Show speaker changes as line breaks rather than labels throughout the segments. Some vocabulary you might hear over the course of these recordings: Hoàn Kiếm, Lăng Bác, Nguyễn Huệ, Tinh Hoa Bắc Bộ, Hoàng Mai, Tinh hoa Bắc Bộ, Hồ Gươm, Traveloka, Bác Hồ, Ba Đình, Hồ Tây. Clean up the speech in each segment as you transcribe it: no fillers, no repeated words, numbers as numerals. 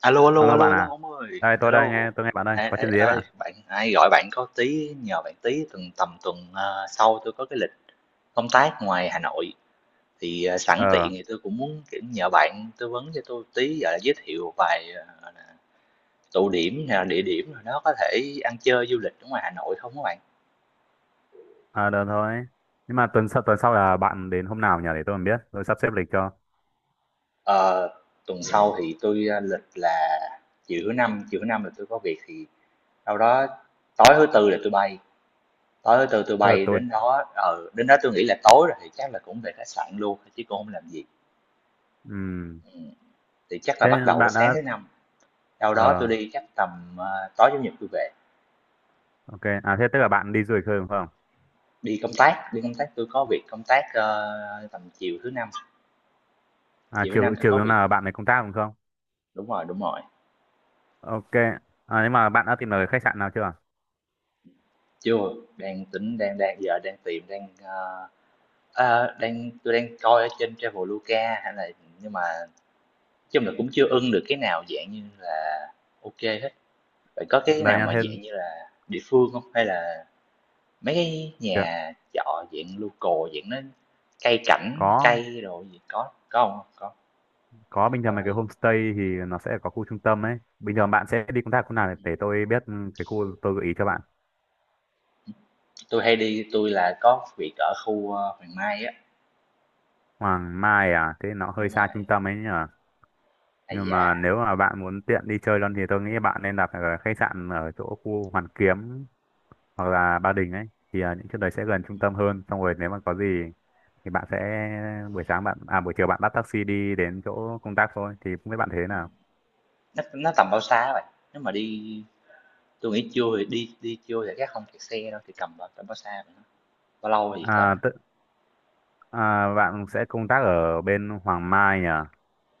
Alo, alo,
Alo
alo,
bạn
alo,
à,
ông ơi,
đây
alo.
tôi nghe bạn đây,
Ê,
có
ê,
chuyện gì ấy
ê,
bạn?
bạn ai gọi bạn có tí nhờ bạn tí tuần tầm tuần sau tôi có cái lịch công tác ngoài Hà Nội thì sẵn tiện
Ờ,
thì tôi cũng muốn kiểu nhờ bạn tư vấn cho tôi tí gọi là giới thiệu vài tụ điểm hay là địa điểm nào đó có thể ăn chơi du lịch ở ngoài Hà Nội không các bạn?
à, được thôi. Nhưng mà tuần sau là bạn đến hôm nào nhỉ để tôi còn biết, tôi sắp xếp lịch cho.
Ờ, tuần sau thì tôi lịch là chiều thứ năm là tôi có việc thì đâu đó tối thứ tư là tôi bay. Tối từ từ
Tức là
bay
tôi,
đến đó, ừ, đến đó tôi nghĩ là tối rồi thì chắc là cũng về khách sạn luôn, chứ cũng không làm gì.
ừm,
Ừm, thì chắc là
thế
bắt đầu với
bạn
sáng
đã,
thứ Năm, sau đó tôi
ờ,
đi chắc tầm, tối Chủ nhật tôi về.
ok, à thế tức là bạn đi du lịch thôi đúng không?
Đi công tác, đi công tác, tôi có việc công tác, tầm
À
chiều thứ Năm
chiều
tôi có
chiều
việc.
là bạn này công tác đúng không?
Đúng rồi, đúng rồi.
Ok, à, nhưng mà bạn đã tìm được khách sạn nào chưa?
Chưa, đang tính đang đang giờ đang tìm, đang, ơ, ơ, đang, tôi đang coi ở trên Traveloka hay là, nhưng mà nói chung là cũng chưa ưng được cái nào dạng như là ok hết. Vậy có cái
Đây
nào
nha
mà
thêm
dạng như là địa phương không? Hay là mấy cái
kìa,
nhà trọ dạng local, dạng nó cây cảnh,
có
cây đồ gì có không? Có,
có
tuyệt
bình thường mấy cái
vời.
homestay thì nó sẽ có khu trung tâm ấy. Bình thường bạn sẽ đi công tác khu nào
Ừm,
để tôi biết ừ, cái khu tôi gợi ý cho bạn.
tui hay đi tôi là có việc ở khu, Hoàng Mai á,
Hoàng Mai à, thế nó hơi
đúng rồi.
xa trung tâm ấy nhỉ?
Ây
Nhưng
da,
mà nếu mà bạn muốn tiện đi chơi luôn thì tôi nghĩ bạn nên đặt ở khách sạn ở chỗ khu Hoàn Kiếm hoặc là Ba Đình ấy, thì à, những chỗ đấy sẽ gần trung
ừm,
tâm hơn xong rồi nếu mà có gì thì bạn sẽ buổi sáng bạn à buổi chiều bạn bắt taxi đi đến chỗ công tác thôi, thì không biết bạn thế
ừm,
nào.
nó tầm bao xa vậy? Nếu mà đi, tôi nghĩ trưa thì đi đi trưa thì chắc không kẹt xe đâu, thì tầm bao xa vậy ha? Bao lâu thì tới
À,
ha?
tự, à bạn sẽ công tác ở bên Hoàng Mai à,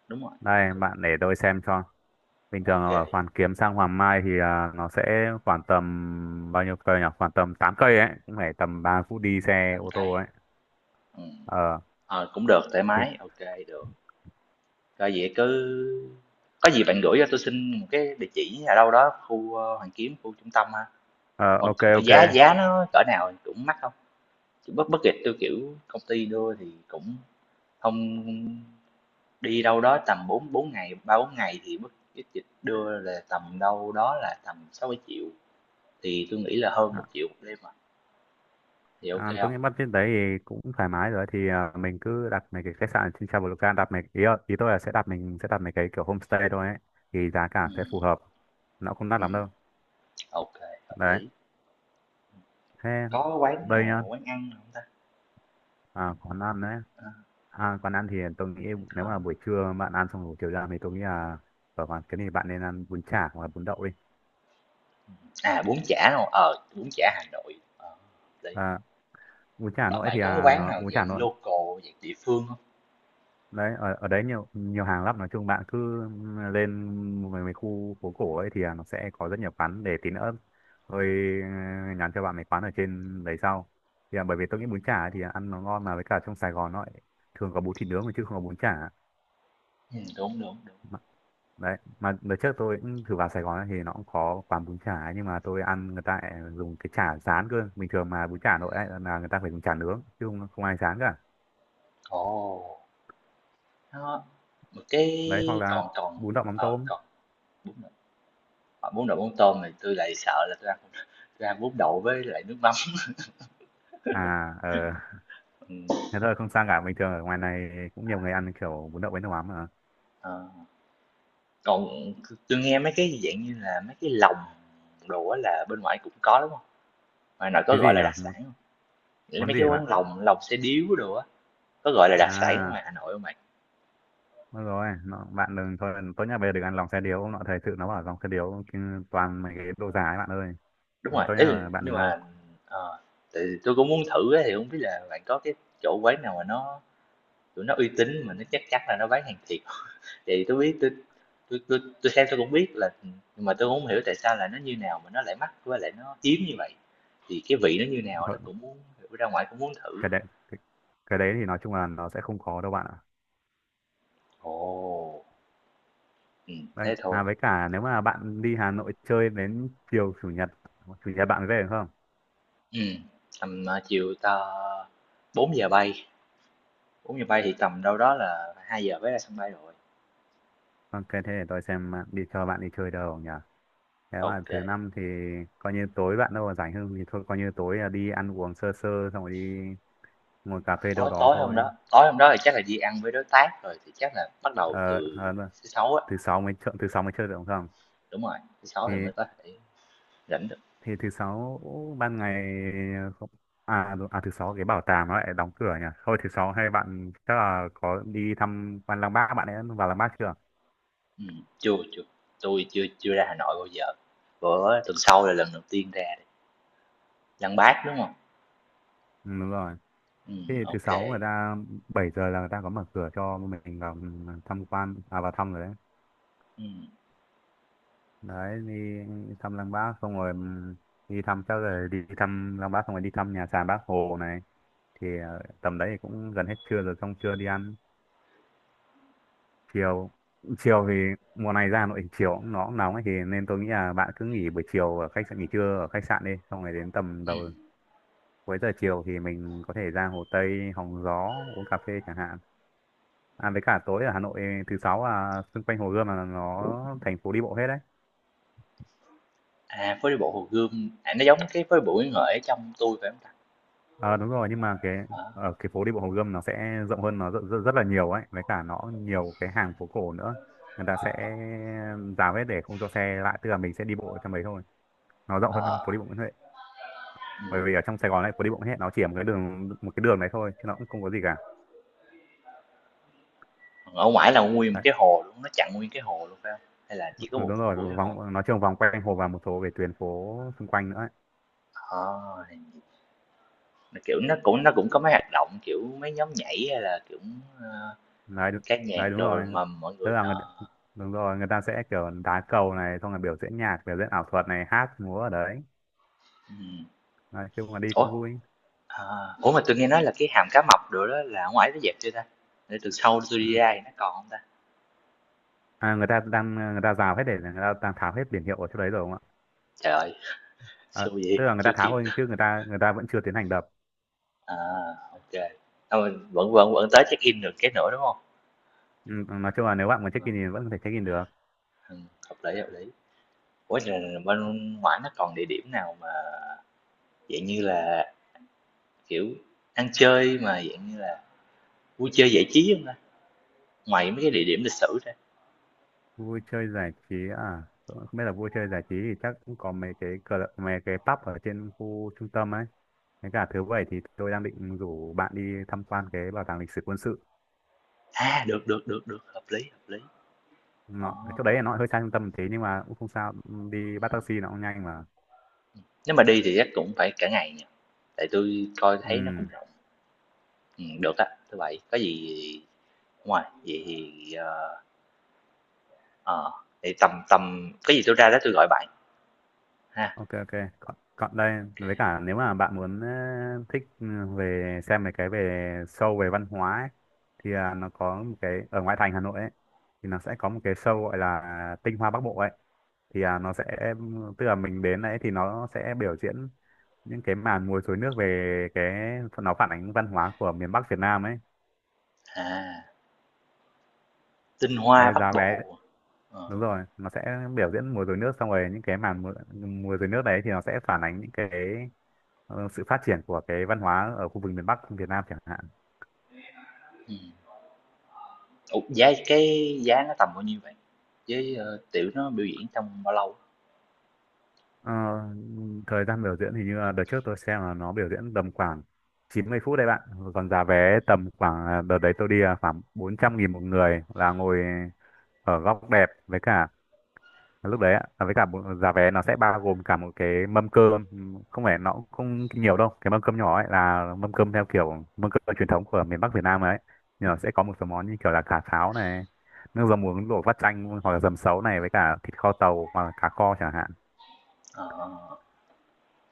Đúng rồi,
đây
có.
bạn để tôi xem cho. Bình
Ô
thường
kê,
ở Hoàn Kiếm sang Hoàng Mai thì à, nó sẽ khoảng tầm bao nhiêu cây nhỉ, khoảng tầm 8 cây ấy, cũng phải tầm 3 phút
ừm,
đi xe
tắm
ô tô
cây,
ấy.
ừm,
Ờ
ờ, cũng được, thoải
thì
mái, ok, được. Rồi vậy cứ có gì bạn gửi cho tôi xin một cái địa chỉ ở đâu đó khu, Hoàn Kiếm, khu trung tâm ha.
Ờ,
Mà
ok ok.
giá giá nó cỡ nào, cũng mắc không hông? Bất bất budget tôi kiểu công ty đưa thì cũng không, đi đâu đó tầm bốn bốn ngày, ba bốn ngày thì bất budget đưa là tầm đâu đó là tầm sáu 000 triệu thì tôi nghĩ là hơn
à,
một triệu 000 đêm à, thì ok không
tôi
hông?
nghĩ bắt budget đấy thì cũng thoải mái rồi thì à, mình cứ đặt mấy cái khách sạn ở trên Traveloka ý tôi là sẽ đặt mấy cái kiểu homestay thôi ấy, thì giá cả sẽ phù
Ừm,
hợp, nó không đắt lắm
ừm,
đâu.
hợp
Đấy,
lý.
thế
Có
ờ,
quán
đây
nào,
nhá,
quán ăn không ta?
à, quán ăn đấy,
Ờ,
à, quán ăn thì tôi nghĩ
hông
nếu
có.
mà buổi trưa bạn ăn xong buổi chiều ra thì tôi nghĩ là ở quán cái này bạn nên ăn bún chả hoặc là bún đậu đi.
À, bún chả, đúng. Ờ, bún chả Hà Nội, ờ, đấy.
À,
Bạn bạn có quán nào
bún chả Hà
dạng
nội
local, dạng địa phương không?
đấy, ở ở đấy nhiều nhiều hàng lắm, nói chung bạn cứ lên mấy khu phố cổ ấy thì à, nó sẽ có rất nhiều quán để tí nữa tôi ờ, nhắn cho bạn mấy quán ở trên đấy sau, thì à, bởi vì tôi nghĩ bún chả thì ăn nó ngon, mà với cả trong Sài Gòn nó lại thường có bún thịt nướng mà chứ không có bún chả.
Đúng, đúng, đúng.
Mà- đấy mà đợt trước tôi cũng thử vào Sài Gòn ấy, thì nó cũng có quán bún chả ấy, nhưng mà tôi ăn người ta lại dùng cái chả rán cơ, bình thường mà bún chả nội ấy, là người ta phải dùng chả nướng chứ không, không ai rán cả.
Ồ, nó một cái,
Đấy, hoặc là
còn còn,
bún đậu mắm
ờ,
tôm.
còn bún đậu, ờ, bún đậu mắm tôm thì tôi lại sợ là tôi ăn không- tôi ăn bún đậu với lại nước mắm.
à ờ
Ừm,
Thế thôi không sao cả, bình thường ở ngoài này cũng nhiều người ăn kiểu bún đậu với nước mắm mà.
ờ, còn tôi nghe mấy cái dạng như là mấy cái lòng đồ á là bên ngoài cũng có, đúng không? Ngoài Hà Nội có
Cái
gọi
gì
là
nhở
đặc sản
món
không? Nghĩa là
món
mấy
gì
cái
vậy bạn?
quán lòng, lòng xe điếu đồ á, có gọi là đặc sản ở
À,
ngoài Hà Nội không bạn?
đúng rồi nó, bạn đừng, thôi tốt nhất bây giờ đừng ăn lòng xe điếu, ông nọ thời sự nó bảo lòng xe điếu toàn mấy cái đồ giả ấy bạn ơi.
Đúng
Ừ,
rồi,
tốt nhất
ý là
là bạn
nhưng
đừng ăn.
mà, ờ, tại vì tôi cũng muốn thử á, thì không biết là bạn có cái chỗ quán nào mà nó tụi nó uy tín mà nó chắc chắn là nó bán hàng thiệt thì tôi biết tôi, tôi xem tôi cũng biết là nhưng mà tôi cũng không hiểu tại sao là nó như nào mà nó lại mắc với lại nó hiếm như vậy thì cái vị nó như nào đó
Thôi,
cũng muốn ra ngoài cũng muốn thử.
cái đấy cái, cái đấy thì nói chung là nó sẽ không khó đâu bạn ạ.
Ồ, ừ,
Đấy,
thế thôi.
à với cả nếu mà bạn đi Hà Nội chơi đến chiều chủ nhật, chủ nhật bạn về được không?
Ừ. Tầm chiều ta 4 giờ bay, 4 giờ bay thì tầm đâu đó là 2 giờ mới ra sân bay rồi.
Ok thế để tôi xem bạn đi, cho bạn đi chơi đâu nhỉ. Thế mà
Ok.
thứ năm thì coi như tối bạn đâu mà rảnh hơn thì thôi coi như tối là đi ăn uống sơ sơ xong rồi đi ngồi cà phê đâu
Tối
đó thôi.
tối hôm đó thì chắc là đi ăn với đối tác rồi, thì chắc là bắt đầu từ
Ờ, ờ, đúng rồi.
thứ Sáu á,
Thứ sáu mới chơi, thứ sáu mới chơi được không? Không?
đúng rồi, thứ Sáu thì
Thì
mới có thể rảnh được.
thì thứ sáu ban ngày không- thứ sáu cái bảo tàng nó lại đóng cửa nhỉ. Thôi thứ sáu hay bạn chắc là có đi thăm quan Lăng Bác, bạn ấy vào Lăng Bác chưa?
Chưa, chưa, tôi chưa chưa ra Hà Nội bao giờ, bữa tuần sau là lần đầu tiên ra đây. Lăng Bác, đúng không?
Ừ, đúng rồi. Thế thì thứ
Ok kê,
sáu người ta 7 giờ là người ta có mở cửa cho mình vào thăm quan à vào thăm rồi đấy.
ừm.
Đấy, đi thăm Lăng Bác xong rồi đi thăm Lăng Bác xong rồi đi thăm nhà sàn Bác Hồ này, thì ờ, tầm đấy thì cũng gần hết trưa rồi, xong trưa đi ăn, chiều chiều thì mùa này ra Hà Nội thì chiều cũng nó cũng nóng ấy thì nên tôi nghĩ là bạn cứ nghỉ buổi chiều ở khách sạn, nghỉ trưa ở khách sạn đi xong rồi đến tầm cuối giờ chiều thì mình có thể ra Hồ Tây hóng gió uống cà phê chẳng hạn. À với cả tối ở Hà Nội thứ sáu là xung quanh Hồ Gươm là nó thành phố đi bộ hết đấy.
À, phố đi bộ Hồ Gươm, à, nó giống cái phố đi bộ Nguyễn Huệ ở trong Tôi phải không ta?
Ờ đúng rồi, nhưng mà cái
Đó,
ở cái phố đi bộ Hồ Gươm nó sẽ rộng hơn, nó rất, rất, rất là nhiều ấy, với cả nó nhiều cái hàng phố cổ nữa, người ta sẽ rào hết để không cho xe lại, tức là mình sẽ đi bộ ở trong đấy thôi, nó rộng hơn phố
ờ,
đi bộ Nguyễn Huệ. Bởi
ừm,
vì ở trong Sài Gòn này phố đi bộ Nguyễn Huệ nó chỉ ở một cái đường, đấy thôi chứ nó cũng không có gì cả.
còn ở ngoài là nguyên một
Đấy
cái hồ luôn, nó chặn nguyên cái hồ luôn phải không? Hay là chỉ
đúng
có một
đúng
khúc
rồi
của cái hồ?
vòng nó trường vòng quanh hồ và một số cái tuyến phố xung quanh nữa ấy.
À! Kiểu, nó cũng có mấy hoạt động, kiểu, mấy nhóm nhảy hay là, kiểu, ơ,
Đấy đúng-
ca nhạc
đấy Đúng rồi,
đồ mà mọi
tức
người
là người,
nó,
đúng rồi người ta sẽ kiểu đá cầu này xong rồi biểu diễn nhạc, biểu diễn ảo thuật này, hát múa ở đấy.
ừm.
Đấy, chứ mà đi cũng
Ủa,
vui.
ờ, ủa mà tôi nghe nói là cái hàm cá mập đồ đó là ở ngoài nó dẹp chưa ta? Để từ sau tôi đi ra thì nó còn không ta?
À, người ta rào hết để người ta đang tháo hết biển hiệu ở chỗ đấy rồi đúng không
Trời ơi,
ạ? À,
xui vậy,
tức là người ta
chưa
tháo
kịp.
thôi chứ người ta vẫn chưa tiến hành đập.
À, ô kê. Ờ, vẫn vẫn vẫn tới check-in được cái nữa, đúng không?
Ừ, nói chung là nếu bạn muốn
Ờ,
check-in thì vẫn có thể check-in được.
hợp lý, hợp lý. Ủa, rồi bên ngoải nó còn địa điểm nào mà dạng như là, kiểu, ăn chơi mà dạng như là vui chơi giải trí không ta? Ngoài mấy cái địa điểm lịch sử ra.
Vui chơi giải trí à? Tôi không biết, là vui chơi giải trí thì chắc cũng có mấy cái cờ, mấy cái pub ở trên khu trung tâm ấy. Thế cả thứ bảy thì tôi đang định rủ bạn đi tham quan cái bảo tàng lịch sử quân sự.
À, được, hợp lý, hợp lý. Ờ,
Nó cái chỗ đấy là nó hơi xa trung tâm một tí nhưng mà cũng không sao. Ừ, đi bắt taxi nó cũng nhanh mà.
nếu mà đi thì chắc cũng phải cả ngày nhỉ? Tại tôi coi thấy nó cũng
Ừ.
rộng. Được á, thứ Bảy, có gì ngoài vậy thì, ờ, vậy tầm tầm cái gì tôi ra đó tôi gọi bạn ha.
Ok ok, còn, còn đây
OK.
với cả nếu mà bạn muốn ờ, thích ừ, về xem mấy cái về show về văn hóa ấy, thì à, nó có một cái ở ngoại thành Hà Nội ấy, thì nó sẽ có một cái show gọi là Tinh Hoa Bắc Bộ ấy, thì à, nó sẽ tức là mình đến đấy thì nó sẽ biểu diễn những cái màn múa rối nước, về cái nó phản ánh văn hóa của miền Bắc Việt Nam ấy.
À, tinh hoa
Đây
Bắc
giá vé,
Bộ,
đúng
ờ,
rồi nó sẽ biểu diễn múa rối nước xong rồi những cái múa rối nước đấy thì nó sẽ phản ánh những cái ờ, sự phát triển của cái văn hóa ở khu vực miền Bắc Việt Nam chẳng hạn.
ừm. Ủa, cái giá nó tầm bao nhiêu vậy? Với, tiểu nó biểu diễn trong bao lâu?
Ờ, thời gian biểu diễn thì như là đợt trước tôi xem là nó biểu diễn tầm khoảng 90 phút đấy bạn. Còn giá vé tầm khoảng à, đợt đấy tôi đi là khoảng 400.000 một người, là ngồi ở góc đẹp, với cả à, lúc đấy ạ à, với cả một giá vé nó sẽ bao gồm cả một cái mâm cơm. Ừ, không phải nó cũng không nhiều đâu, cái mâm cơm nhỏ ấy là mâm cơm theo kiểu mâm cơm truyền thống của miền Bắc Việt Nam ấy, nhưng mà sẽ có một số món như kiểu là cà pháo này, nước dầm muối luộc vắt chanh, hoặc là dầm sấu này, với cả thịt kho tàu hoặc là cá kho chẳng hạn.
Ờ.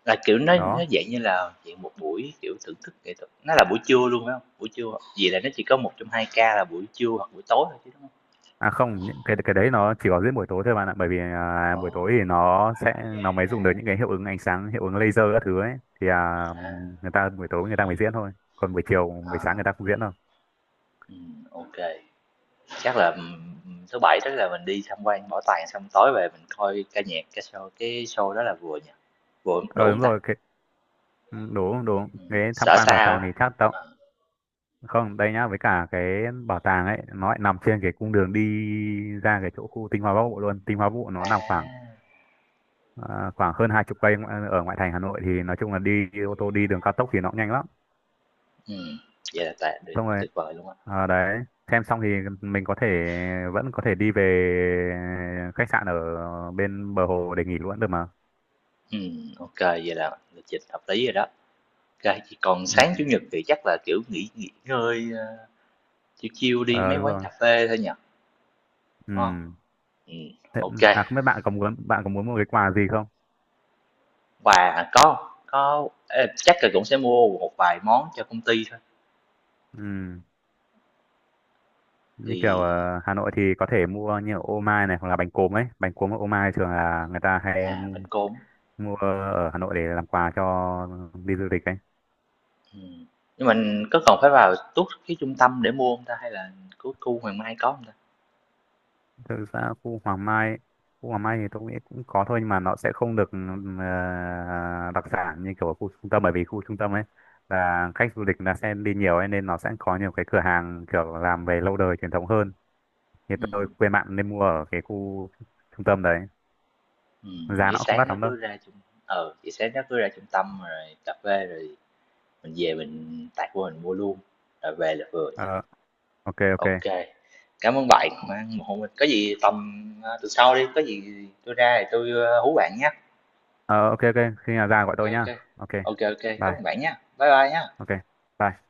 Là, kiểu, nó
Đó,
dạng như là dạng một buổi, kiểu, thưởng thức nghệ thuật, nó là buổi trưa luôn phải không? Buổi trưa hoặc là nó chỉ có một trong 2 ca là buổi trưa hoặc buổi tối thôi chứ, đúng hông?
à không, những cái đấy nó chỉ có diễn buổi tối thôi bạn ạ, bởi vì à,
Ồ,
buổi tối thì nó mới dùng được những cái hiệu ứng ánh sáng, hiệu ứng laser các thứ ấy, thì à,
à,
người ta buổi tối người ta mới diễn thôi, còn buổi chiều buổi sáng
à,
người ta không diễn đâu.
ô. Chắc là, thứ Bảy tức là mình đi tham quan bảo tàng xong tối về mình coi ca nhạc, ca show, cái show đó là vừa nhỉ? Vừa đủ
Ờ
hông
đúng
ta?
rồi cái ừ, đúng đúng cái tham
Sợ
quan bảo
sao
tàng thì
á?
chắc tao
Ờ,
không đây nhá, với cả cái bảo tàng ấy nó lại nằm trên cái cung đường đi ra cái chỗ khu Tinh Hoa Bắc Bộ luôn. Tinh Hoa Bắc Bộ nó nằm khoảng
à,
à, khoảng hơn 20 cây ở ngoại thành Hà Nội, thì nói chung là đi ô tô đi đường cao tốc thì nó cũng nhanh lắm.
ừm, vậy là tà tuyệt
Xong rồi
tuyệt vời luôn á.
à, đấy xem xong thì mình có thể vẫn có thể đi về khách sạn ở bên bờ hồ để nghỉ luôn được mà.
Ô vậy là lịch trình hợp lý rồi đó. Kê, chỉ còn sáng Chủ
Ừ.
nhật thì chắc là, kiểu, nghỉ nghỉ ngơi, ờ, Chill chiêu đi
Ờ,
mấy
đúng
quán
rồi.
cà phê thôi nhỉ, đúng hông?
Ừ.
Ừm,
Thế,
ô.
à không biết bạn có muốn một cái quà gì không?
Và có ê, chắc là cũng sẽ mua một vài món cho công ty thôi,
Ừ. Như kiểu
thì
ờ, Hà Nội thì có thể mua như ở ô mai này hoặc là bánh cốm ấy. Bánh cốm ở ô mai thường là người ta hay
à, bánh cốm,
mua ở Hà Nội để làm quà cho đi du lịch ấy.
ừm. Nhưng mình có cần phải vào tuốt cái trung tâm để mua không ta? Hay là cứ khu Hoàng Mai có không ta?
Thực ra khu Hoàng Mai thì tôi nghĩ cũng có thôi, nhưng mà nó sẽ không được đặc sản như kiểu ở khu trung tâm, bởi vì khu trung tâm ấy là khách du lịch là sẽ đi nhiều ấy, nên nó sẽ có nhiều cái cửa hàng kiểu làm về lâu đời truyền thống hơn. Thì tôi
Ừm,
khuyên bạn nên mua ở cái khu trung tâm đấy. Giá
vậy
nó cũng không
sáng
đắt
nó
lắm đâu.
cứ ra trung, ờ vậy sáng nó cứ ra trung tâm rồi cà phê rồi mình về mình tạt vô mình mua luôn, rồi về là vừa nhỉ?
Ờ, ok ok.
OK, cảm ơn bạn ủng hộ mình. Có gì tầm, tuần sau đi, có gì tôi ra thì tôi hú bạn nhé.
Ờ ok ok, khi nào ra gọi
OK,
tôi nhá.
OK.
Ok,
OK, OK, cảm ơn
bye.
bạn nhé. Bye bye nhé.
Ok. Bye.